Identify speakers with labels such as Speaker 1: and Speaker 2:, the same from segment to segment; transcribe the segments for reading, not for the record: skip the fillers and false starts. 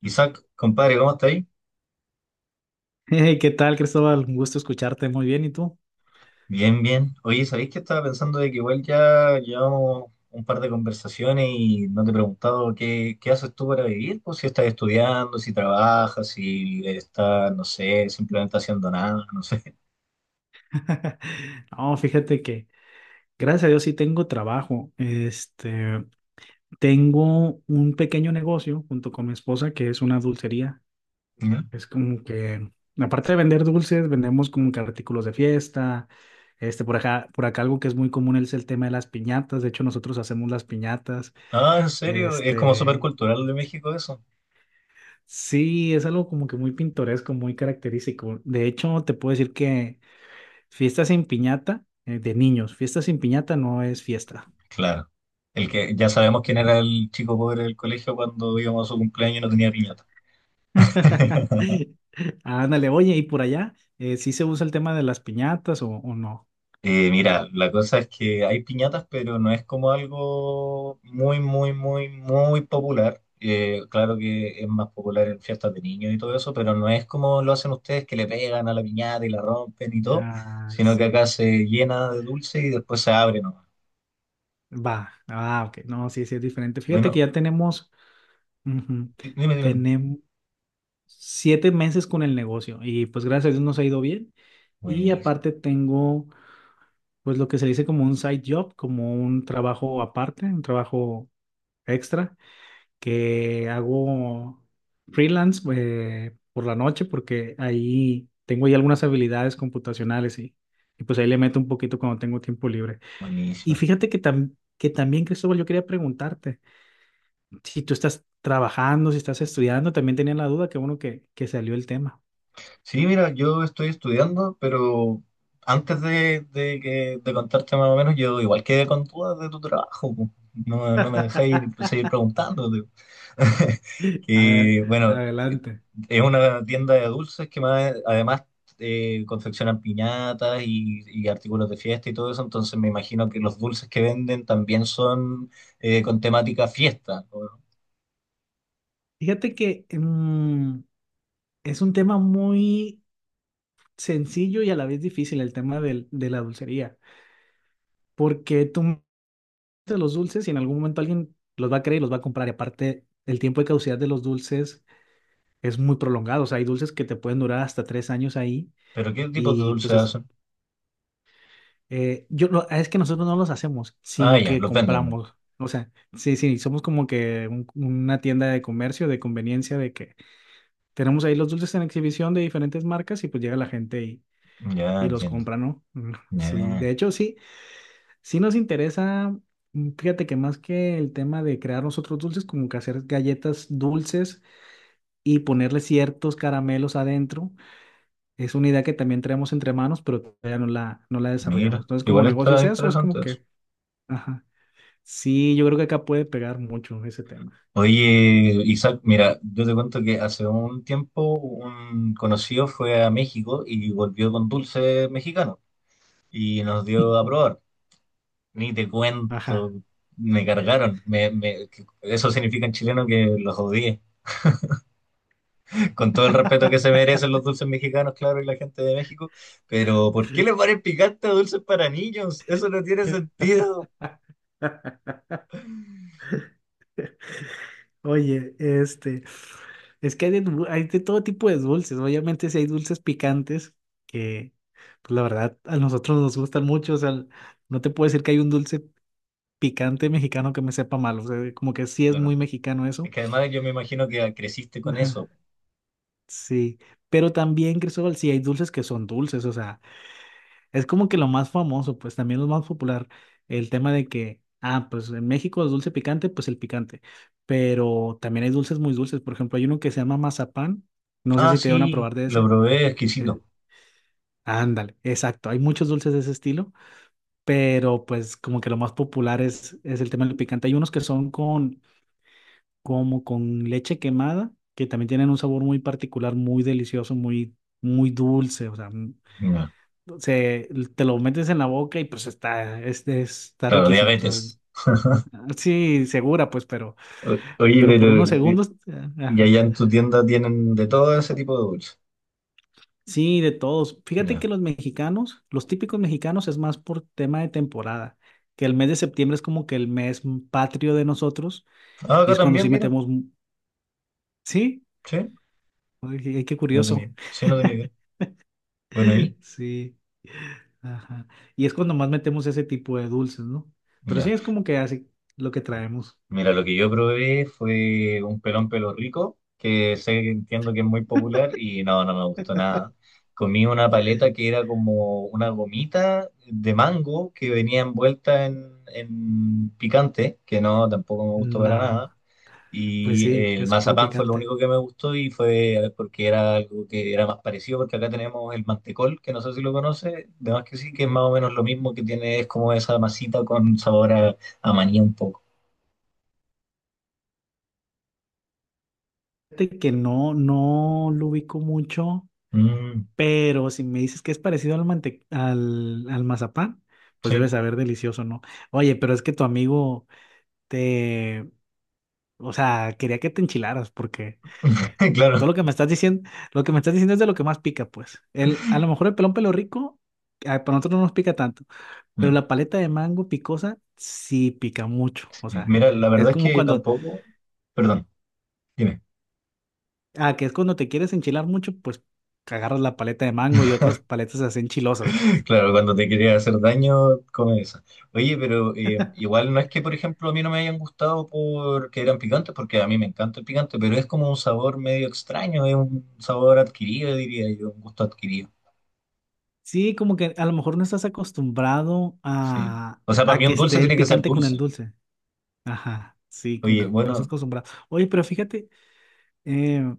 Speaker 1: Isaac, compadre, ¿cómo está ahí?
Speaker 2: Hey, ¿qué tal, Cristóbal? Un gusto escucharte. Muy bien, ¿y tú?
Speaker 1: Bien, bien. Oye, ¿sabéis que estaba pensando de que igual ya llevamos un par de conversaciones y no te he preguntado qué haces tú para vivir? Pues si estás estudiando, si trabajas, si estás, no sé, simplemente haciendo nada, no sé.
Speaker 2: No, fíjate que gracias a Dios sí tengo trabajo. Tengo un pequeño negocio junto con mi esposa que es una dulcería.
Speaker 1: ¿Ya?
Speaker 2: Es como que, aparte de vender dulces, vendemos como que artículos de fiesta. Por acá algo que es muy común es el tema de las piñatas. De hecho, nosotros hacemos las piñatas.
Speaker 1: Ah, ¿en serio? Es como súper
Speaker 2: Este,
Speaker 1: cultural de México eso.
Speaker 2: sí, es algo como que muy pintoresco, muy característico. De hecho, te puedo decir que fiesta sin piñata, de niños. Fiesta sin piñata no es fiesta.
Speaker 1: Claro. El que ya sabemos quién era el chico pobre del colegio cuando íbamos a su cumpleaños y no tenía piñata.
Speaker 2: Ándale, oye, ¿y por allá? ¿Sí se usa el tema de las piñatas o no?
Speaker 1: Mira, la cosa es que hay piñatas, pero no es como algo muy, muy, muy, muy popular. Claro que es más popular en fiestas de niños y todo eso, pero no es como lo hacen ustedes que le pegan a la piñata y la rompen y todo,
Speaker 2: Ah,
Speaker 1: sino que
Speaker 2: sí.
Speaker 1: acá se llena de dulce y después se abre nomás.
Speaker 2: Va. Ah, ok. No, sí, sí es diferente. Fíjate que
Speaker 1: Bueno,
Speaker 2: ya tenemos. Ujú.
Speaker 1: dime, dime.
Speaker 2: Tenemos 7 meses con el negocio y pues gracias a Dios nos ha ido bien. Y
Speaker 1: Buenísimo,
Speaker 2: aparte tengo pues lo que se dice como un side job, como un trabajo aparte, un trabajo extra que hago freelance por la noche porque ahí tengo ya algunas habilidades computacionales y pues ahí le meto un poquito cuando tengo tiempo libre. Y
Speaker 1: buenísimo.
Speaker 2: fíjate que, que también, Cristóbal, yo quería preguntarte, si tú estás trabajando, si estás estudiando, también tenía la duda, que bueno que salió el tema.
Speaker 1: Sí, mira, yo estoy estudiando, pero antes de contarte más o menos, yo igual quedé con dudas de tu trabajo. Po. No, no me dejáis
Speaker 2: A
Speaker 1: seguir preguntándote.
Speaker 2: ver,
Speaker 1: Que, bueno,
Speaker 2: adelante.
Speaker 1: es una tienda de dulces que además confeccionan piñatas y artículos de fiesta y todo eso, entonces me imagino que los dulces que venden también son con temática fiesta, ¿no?
Speaker 2: Fíjate que es un tema muy sencillo y a la vez difícil el tema de la dulcería, porque tú de los dulces y en algún momento alguien los va a querer y los va a comprar. Y aparte, el tiempo de caducidad de los dulces es muy prolongado. O sea, hay dulces que te pueden durar hasta 3 años ahí
Speaker 1: ¿Pero qué tipos de
Speaker 2: y pues
Speaker 1: dulces
Speaker 2: es,
Speaker 1: hacen?
Speaker 2: yo, es que nosotros no los hacemos,
Speaker 1: Ah,
Speaker 2: sino
Speaker 1: ya,
Speaker 2: que
Speaker 1: los venden, ¿no?
Speaker 2: compramos. O sea, sí, sí, somos como que una tienda de comercio, de conveniencia, de que tenemos ahí los dulces en exhibición de diferentes marcas y pues llega la gente y,
Speaker 1: Ya,
Speaker 2: y los
Speaker 1: entiendo.
Speaker 2: compra, ¿no? Mm. Sí,
Speaker 1: Ya.
Speaker 2: de hecho. Sí, sí nos interesa, fíjate que más que el tema de crear nosotros dulces, como que hacer galletas dulces y ponerle ciertos caramelos adentro, es una idea que también traemos entre manos, pero todavía no la desarrollamos.
Speaker 1: Mira,
Speaker 2: Entonces, como
Speaker 1: igual
Speaker 2: negocio es
Speaker 1: está
Speaker 2: eso, es como
Speaker 1: interesante eso.
Speaker 2: que, ajá, sí, yo creo que acá puede pegar mucho ese tema.
Speaker 1: Oye, Isaac, mira, yo te cuento que hace un tiempo un conocido fue a México y volvió con dulce mexicano y nos dio a probar. Ni te
Speaker 2: Ajá.
Speaker 1: cuento, me cargaron. Me. Eso significa en chileno que los odié. Con todo el respeto que se merecen los dulces mexicanos, claro, y la gente de México, pero ¿por qué le ponen picante a dulces para niños? Eso no tiene sentido.
Speaker 2: Oye, es que hay de todo tipo de dulces, ¿no? Obviamente, si hay dulces picantes que, pues la verdad, a nosotros nos gustan mucho. O sea, no te puedo decir que hay un dulce picante mexicano que me sepa mal. O sea, como que sí es
Speaker 1: Claro,
Speaker 2: muy mexicano eso.
Speaker 1: es que además yo me imagino que creciste con eso.
Speaker 2: Ajá, sí. Pero también, Cristóbal, sí hay dulces que son dulces. O sea, es como que lo más famoso, pues también lo más popular, el tema de que, ah, pues en México es dulce picante, pues el picante, pero también hay dulces muy dulces, por ejemplo, hay uno que se llama mazapán, no sé
Speaker 1: Ah,
Speaker 2: si te dieron a
Speaker 1: sí,
Speaker 2: probar de
Speaker 1: lo
Speaker 2: ese,
Speaker 1: probé,
Speaker 2: eh,
Speaker 1: exquisito.
Speaker 2: ándale, exacto, hay muchos dulces de ese estilo, pero pues como que lo más popular es el tema del picante, hay unos que son con, como con leche quemada, que también tienen un sabor muy particular, muy delicioso, muy, muy dulce, o sea,
Speaker 1: Mira,
Speaker 2: se, te lo metes en la boca y pues está
Speaker 1: claro,
Speaker 2: riquísimo, o sea,
Speaker 1: diabetes.
Speaker 2: sí, segura, pues, pero,
Speaker 1: Oye,
Speaker 2: pero por
Speaker 1: pero
Speaker 2: unos
Speaker 1: eh,
Speaker 2: segundos,
Speaker 1: y
Speaker 2: ajá.
Speaker 1: allá en tu tienda tienen de todo ese tipo de dulces.
Speaker 2: Sí, de todos. Fíjate
Speaker 1: Ya.
Speaker 2: que los mexicanos, los típicos mexicanos es más por tema de temporada, que el mes de septiembre es como que el mes patrio de nosotros
Speaker 1: Ah,
Speaker 2: y
Speaker 1: acá
Speaker 2: es cuando
Speaker 1: también,
Speaker 2: sí
Speaker 1: mira.
Speaker 2: metemos, sí,
Speaker 1: Sí,
Speaker 2: ay, qué curioso.
Speaker 1: sí, no tenía idea. Bueno, y
Speaker 2: Sí. Ajá. Y es cuando más metemos ese tipo de dulces, ¿no? Pero sí
Speaker 1: ya.
Speaker 2: es como que así lo que traemos.
Speaker 1: Mira, lo que yo probé fue un Pelón Pelo Rico, que sé que entiendo que es muy popular y no, no me gustó nada. Comí una paleta que era como una gomita de mango que venía envuelta en picante, que no, tampoco me gustó para
Speaker 2: No.
Speaker 1: nada.
Speaker 2: Pues
Speaker 1: Y
Speaker 2: sí,
Speaker 1: el
Speaker 2: es puro
Speaker 1: mazapán fue lo
Speaker 2: picante.
Speaker 1: único que me gustó y fue porque era algo que era más parecido, porque acá tenemos el mantecol, que no sé si lo conoce, de más que sí, que es más o menos lo mismo que tiene, es como esa masita con sabor a maní un poco.
Speaker 2: Fíjate que no lo ubico mucho,
Speaker 1: Mm,
Speaker 2: pero si me dices que es parecido al mazapán, pues debe
Speaker 1: sí,
Speaker 2: saber delicioso, ¿no? Oye, pero es que tu amigo te, o sea, quería que te enchilaras, porque todo
Speaker 1: claro.
Speaker 2: lo que me estás diciendo es de lo que más pica, pues. A lo mejor el pelón pelo rico, ah, para nosotros no nos pica tanto, pero la paleta de mango picosa sí pica mucho. O sea,
Speaker 1: Mira, la
Speaker 2: es
Speaker 1: verdad es
Speaker 2: como
Speaker 1: que
Speaker 2: cuando
Speaker 1: tampoco, perdón, dime.
Speaker 2: Ah, que es cuando te quieres enchilar mucho, pues agarras la paleta de mango y otras paletas se hacen chilosas, pues.
Speaker 1: Claro, cuando te quería hacer daño, come esa. Oye, pero igual no es que, por ejemplo, a mí no me hayan gustado porque eran picantes, porque a mí me encanta el picante, pero es como un sabor medio extraño, es un sabor adquirido, diría yo, un gusto adquirido.
Speaker 2: Sí, como que a lo mejor no estás acostumbrado
Speaker 1: Sí.
Speaker 2: a,
Speaker 1: O sea, para
Speaker 2: a
Speaker 1: mí
Speaker 2: que
Speaker 1: un dulce
Speaker 2: esté el
Speaker 1: tiene que ser
Speaker 2: picante con el
Speaker 1: dulce.
Speaker 2: dulce. Ajá, sí, como que
Speaker 1: Oye,
Speaker 2: no estás
Speaker 1: bueno,
Speaker 2: acostumbrado. Oye, pero fíjate eh,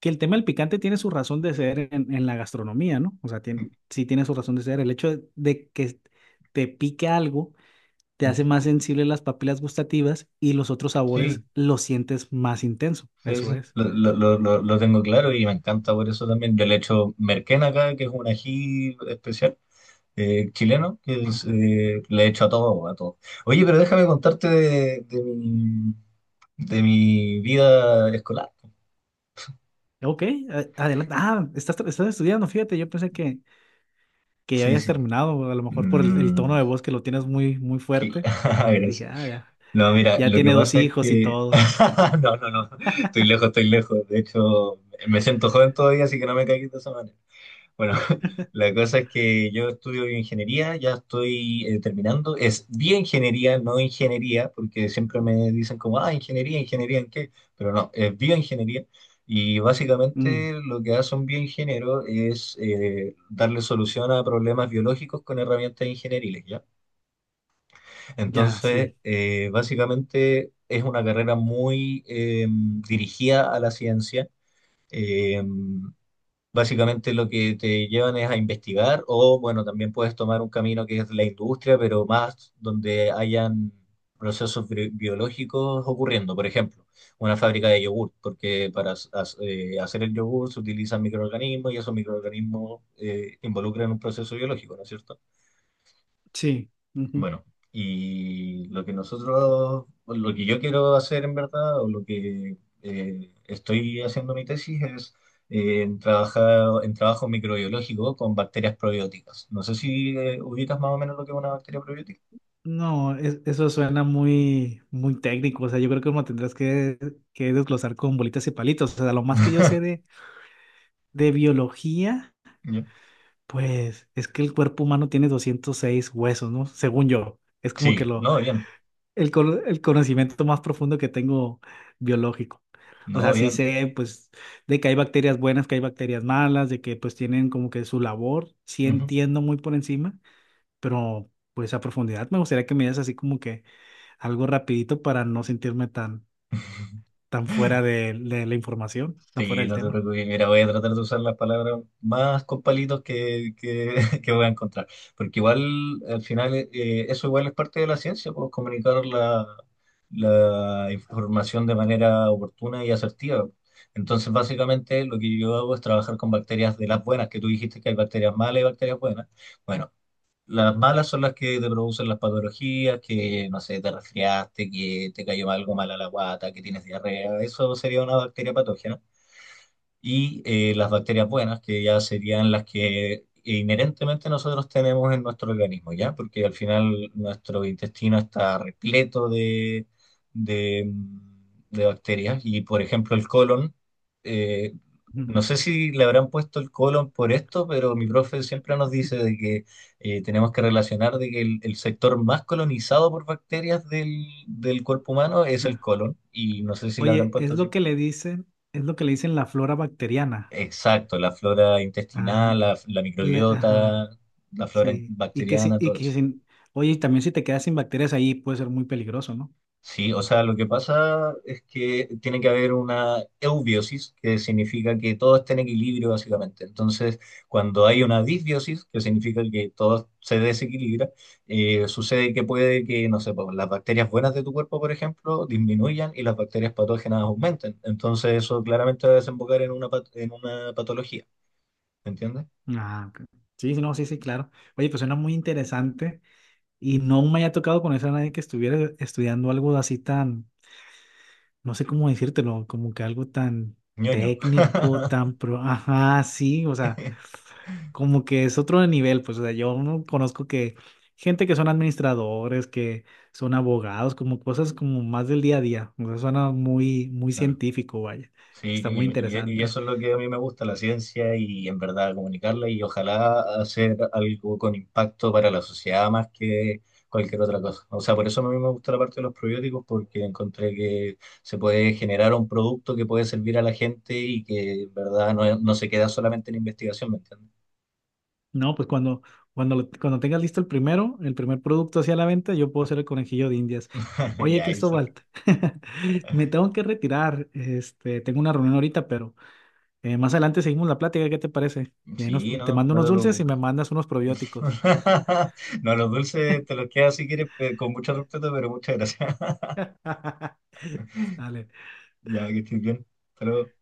Speaker 2: que el tema del picante tiene su razón de ser en la gastronomía, ¿no? O sea,
Speaker 1: mm,
Speaker 2: tiene, sí tiene su razón de ser. El hecho de que te pique algo te hace
Speaker 1: ujú,
Speaker 2: más sensible las papilas gustativas y los otros sabores
Speaker 1: sí,
Speaker 2: los sientes más intenso.
Speaker 1: sí,
Speaker 2: Eso
Speaker 1: sí,
Speaker 2: es.
Speaker 1: lo tengo claro y me encanta por eso también. Yo le echo merquén acá, que es un ají especial. Chileno que es,
Speaker 2: Ajá.
Speaker 1: le he hecho a todo, a todo. Oye, pero déjame contarte de mi vida escolar.
Speaker 2: Ok, adelante. Ah, estás, estás estudiando, fíjate, yo pensé que ya
Speaker 1: Sí,
Speaker 2: habías
Speaker 1: sí.
Speaker 2: terminado, a lo mejor por el tono
Speaker 1: Mm,
Speaker 2: de voz que lo tienes muy, muy fuerte. Dije,
Speaker 1: gracias.
Speaker 2: ah,
Speaker 1: No, mira,
Speaker 2: ya
Speaker 1: lo que
Speaker 2: tiene dos
Speaker 1: pasa es
Speaker 2: hijos y
Speaker 1: que...
Speaker 2: todo.
Speaker 1: No, no, no, estoy lejos, estoy lejos. De hecho, me siento joven todavía, así que no me caigas de esa manera. Bueno, la cosa es que yo estudio bioingeniería, ya estoy terminando. Es bioingeniería, no ingeniería, porque siempre me dicen como, ah, ¿en qué? Pero no, es bioingeniería. Y
Speaker 2: Mm,
Speaker 1: básicamente lo que hace un bioingeniero es darle solución a problemas biológicos con herramientas ingenieriles, ¿ya?
Speaker 2: ya,
Speaker 1: Entonces,
Speaker 2: sí,
Speaker 1: básicamente es una carrera muy dirigida a la ciencia. Eh, Básicamente lo que te llevan es a investigar o, bueno, también puedes tomar un camino que es la industria, pero más donde hayan procesos biológicos ocurriendo. Por ejemplo, una fábrica de yogur, porque para hacer el yogur se utilizan microorganismos y esos microorganismos involucran un proceso biológico, ¿no es cierto?
Speaker 2: sí. Ujú.
Speaker 1: Bueno, y lo que nosotros, o lo que yo quiero hacer en verdad, o lo que estoy haciendo mi tesis es trabajar, en trabajo microbiológico con bacterias probióticas. No sé si ubicas más o menos lo que es una bacteria probiótica.
Speaker 2: No, eso suena muy, muy técnico, o sea, yo creo que uno tendrás que desglosar con bolitas y palitos. O sea, lo más que yo sé de biología,
Speaker 1: Ya.
Speaker 2: pues es que el cuerpo humano tiene 206 huesos, ¿no? Según yo. Es como que
Speaker 1: Sí,
Speaker 2: lo
Speaker 1: no, bien,
Speaker 2: el, cono- el conocimiento más profundo que tengo biológico. O
Speaker 1: no,
Speaker 2: sea, sí
Speaker 1: bien.
Speaker 2: sé, pues, de que hay bacterias buenas, que hay bacterias malas, de que, pues, tienen como que su labor. Sí
Speaker 1: Ujú.
Speaker 2: entiendo muy por encima, pero, pues, a profundidad me gustaría que me dieras así como que algo rapidito para no sentirme tan, tan fuera de la información, tan fuera
Speaker 1: Sí,
Speaker 2: del
Speaker 1: no te
Speaker 2: tema.
Speaker 1: preocupes, mira, voy a tratar de usar las palabras más con palitos que voy a encontrar, porque igual al final eso igual es parte de la ciencia, pues comunicar la información de manera oportuna y asertiva. Entonces, básicamente lo que yo hago es trabajar con bacterias de las buenas, que tú dijiste que hay bacterias malas y bacterias buenas. Bueno, las malas son las que te producen las patologías, que, no sé, te resfriaste, que te cayó algo mal a la guata, que tienes diarrea, eso sería una bacteria patógena y las bacterias buenas, que ya serían las que inherentemente nosotros tenemos en nuestro organismo, ¿ya? Porque al final nuestro intestino está repleto de, mm, de bacterias y, por ejemplo, el colon, eh,
Speaker 2: Ujú.
Speaker 1: no sé si le habrán puesto el colon por esto, pero mi profe siempre nos dice de que tenemos que relacionar de que el sector más colonizado por bacterias del cuerpo humano es el
Speaker 2: Ah.
Speaker 1: colon y no sé si le habrán
Speaker 2: Oye, es
Speaker 1: puesto
Speaker 2: lo
Speaker 1: así.
Speaker 2: que le dicen la flora bacteriana.
Speaker 1: Exacto, la flora
Speaker 2: Ah,
Speaker 1: intestinal, la microbiota,
Speaker 2: ajá.
Speaker 1: la
Speaker 2: Sí,
Speaker 1: bacteriana,
Speaker 2: y
Speaker 1: todo
Speaker 2: que
Speaker 1: eso.
Speaker 2: sin, oye, y también si te quedas sin bacterias ahí puede ser muy peligroso, ¿no?
Speaker 1: Sí, o sea, lo que pasa es que tiene que haber una eubiosis, que significa que todo está en equilibrio básicamente. Entonces, cuando hay una disbiosis, que significa que todo se desequilibra, sucede que puede que, no sé, pues, las bacterias buenas de tu cuerpo, por ejemplo, disminuyan y las bacterias patógenas aumenten. Entonces, eso claramente va a desembocar en en una patología, ¿entiendes?
Speaker 2: Ah, ok. Sí, sí, no, sí, sí, claro. Oye, pues suena muy interesante y no me haya tocado conocer a nadie que estuviera estudiando algo así tan, no sé cómo decírtelo, como que algo tan
Speaker 1: Ñoño.
Speaker 2: técnico, tan pro, ajá, sí, o sea, como que es otro nivel, pues, o sea, yo no conozco que gente que son administradores, que son abogados, como cosas como más del día a día, o sea, suena muy, muy
Speaker 1: Claro.
Speaker 2: científico, vaya,
Speaker 1: Sí,
Speaker 2: está muy
Speaker 1: y
Speaker 2: interesante.
Speaker 1: eso es lo que a mí me gusta, la ciencia y en verdad comunicarla y ojalá hacer algo con impacto para la sociedad más que cualquier otra cosa. O sea, por eso a mí me gusta la parte de los probióticos porque encontré que se puede generar un producto que puede servir a la gente y que en verdad no, no se queda solamente en investigación, ¿me entiendes?
Speaker 2: No, pues cuando tengas listo el primer producto hacia la venta, yo puedo ser el conejillo de Indias. Oye,
Speaker 1: Ya, Isaac.
Speaker 2: Cristóbal, me tengo que retirar, tengo una reunión ahorita, pero más adelante seguimos la plática, ¿qué te parece? Y ahí
Speaker 1: Sí,
Speaker 2: te
Speaker 1: no,
Speaker 2: mando
Speaker 1: no
Speaker 2: unos
Speaker 1: te
Speaker 2: dulces y
Speaker 1: preocupes.
Speaker 2: me mandas unos probióticos.
Speaker 1: No, los dulces te los quedas si quieres, con mucho respeto, pero muchas gracias.
Speaker 2: Sale.
Speaker 1: Ya, que estés bien. Hasta luego.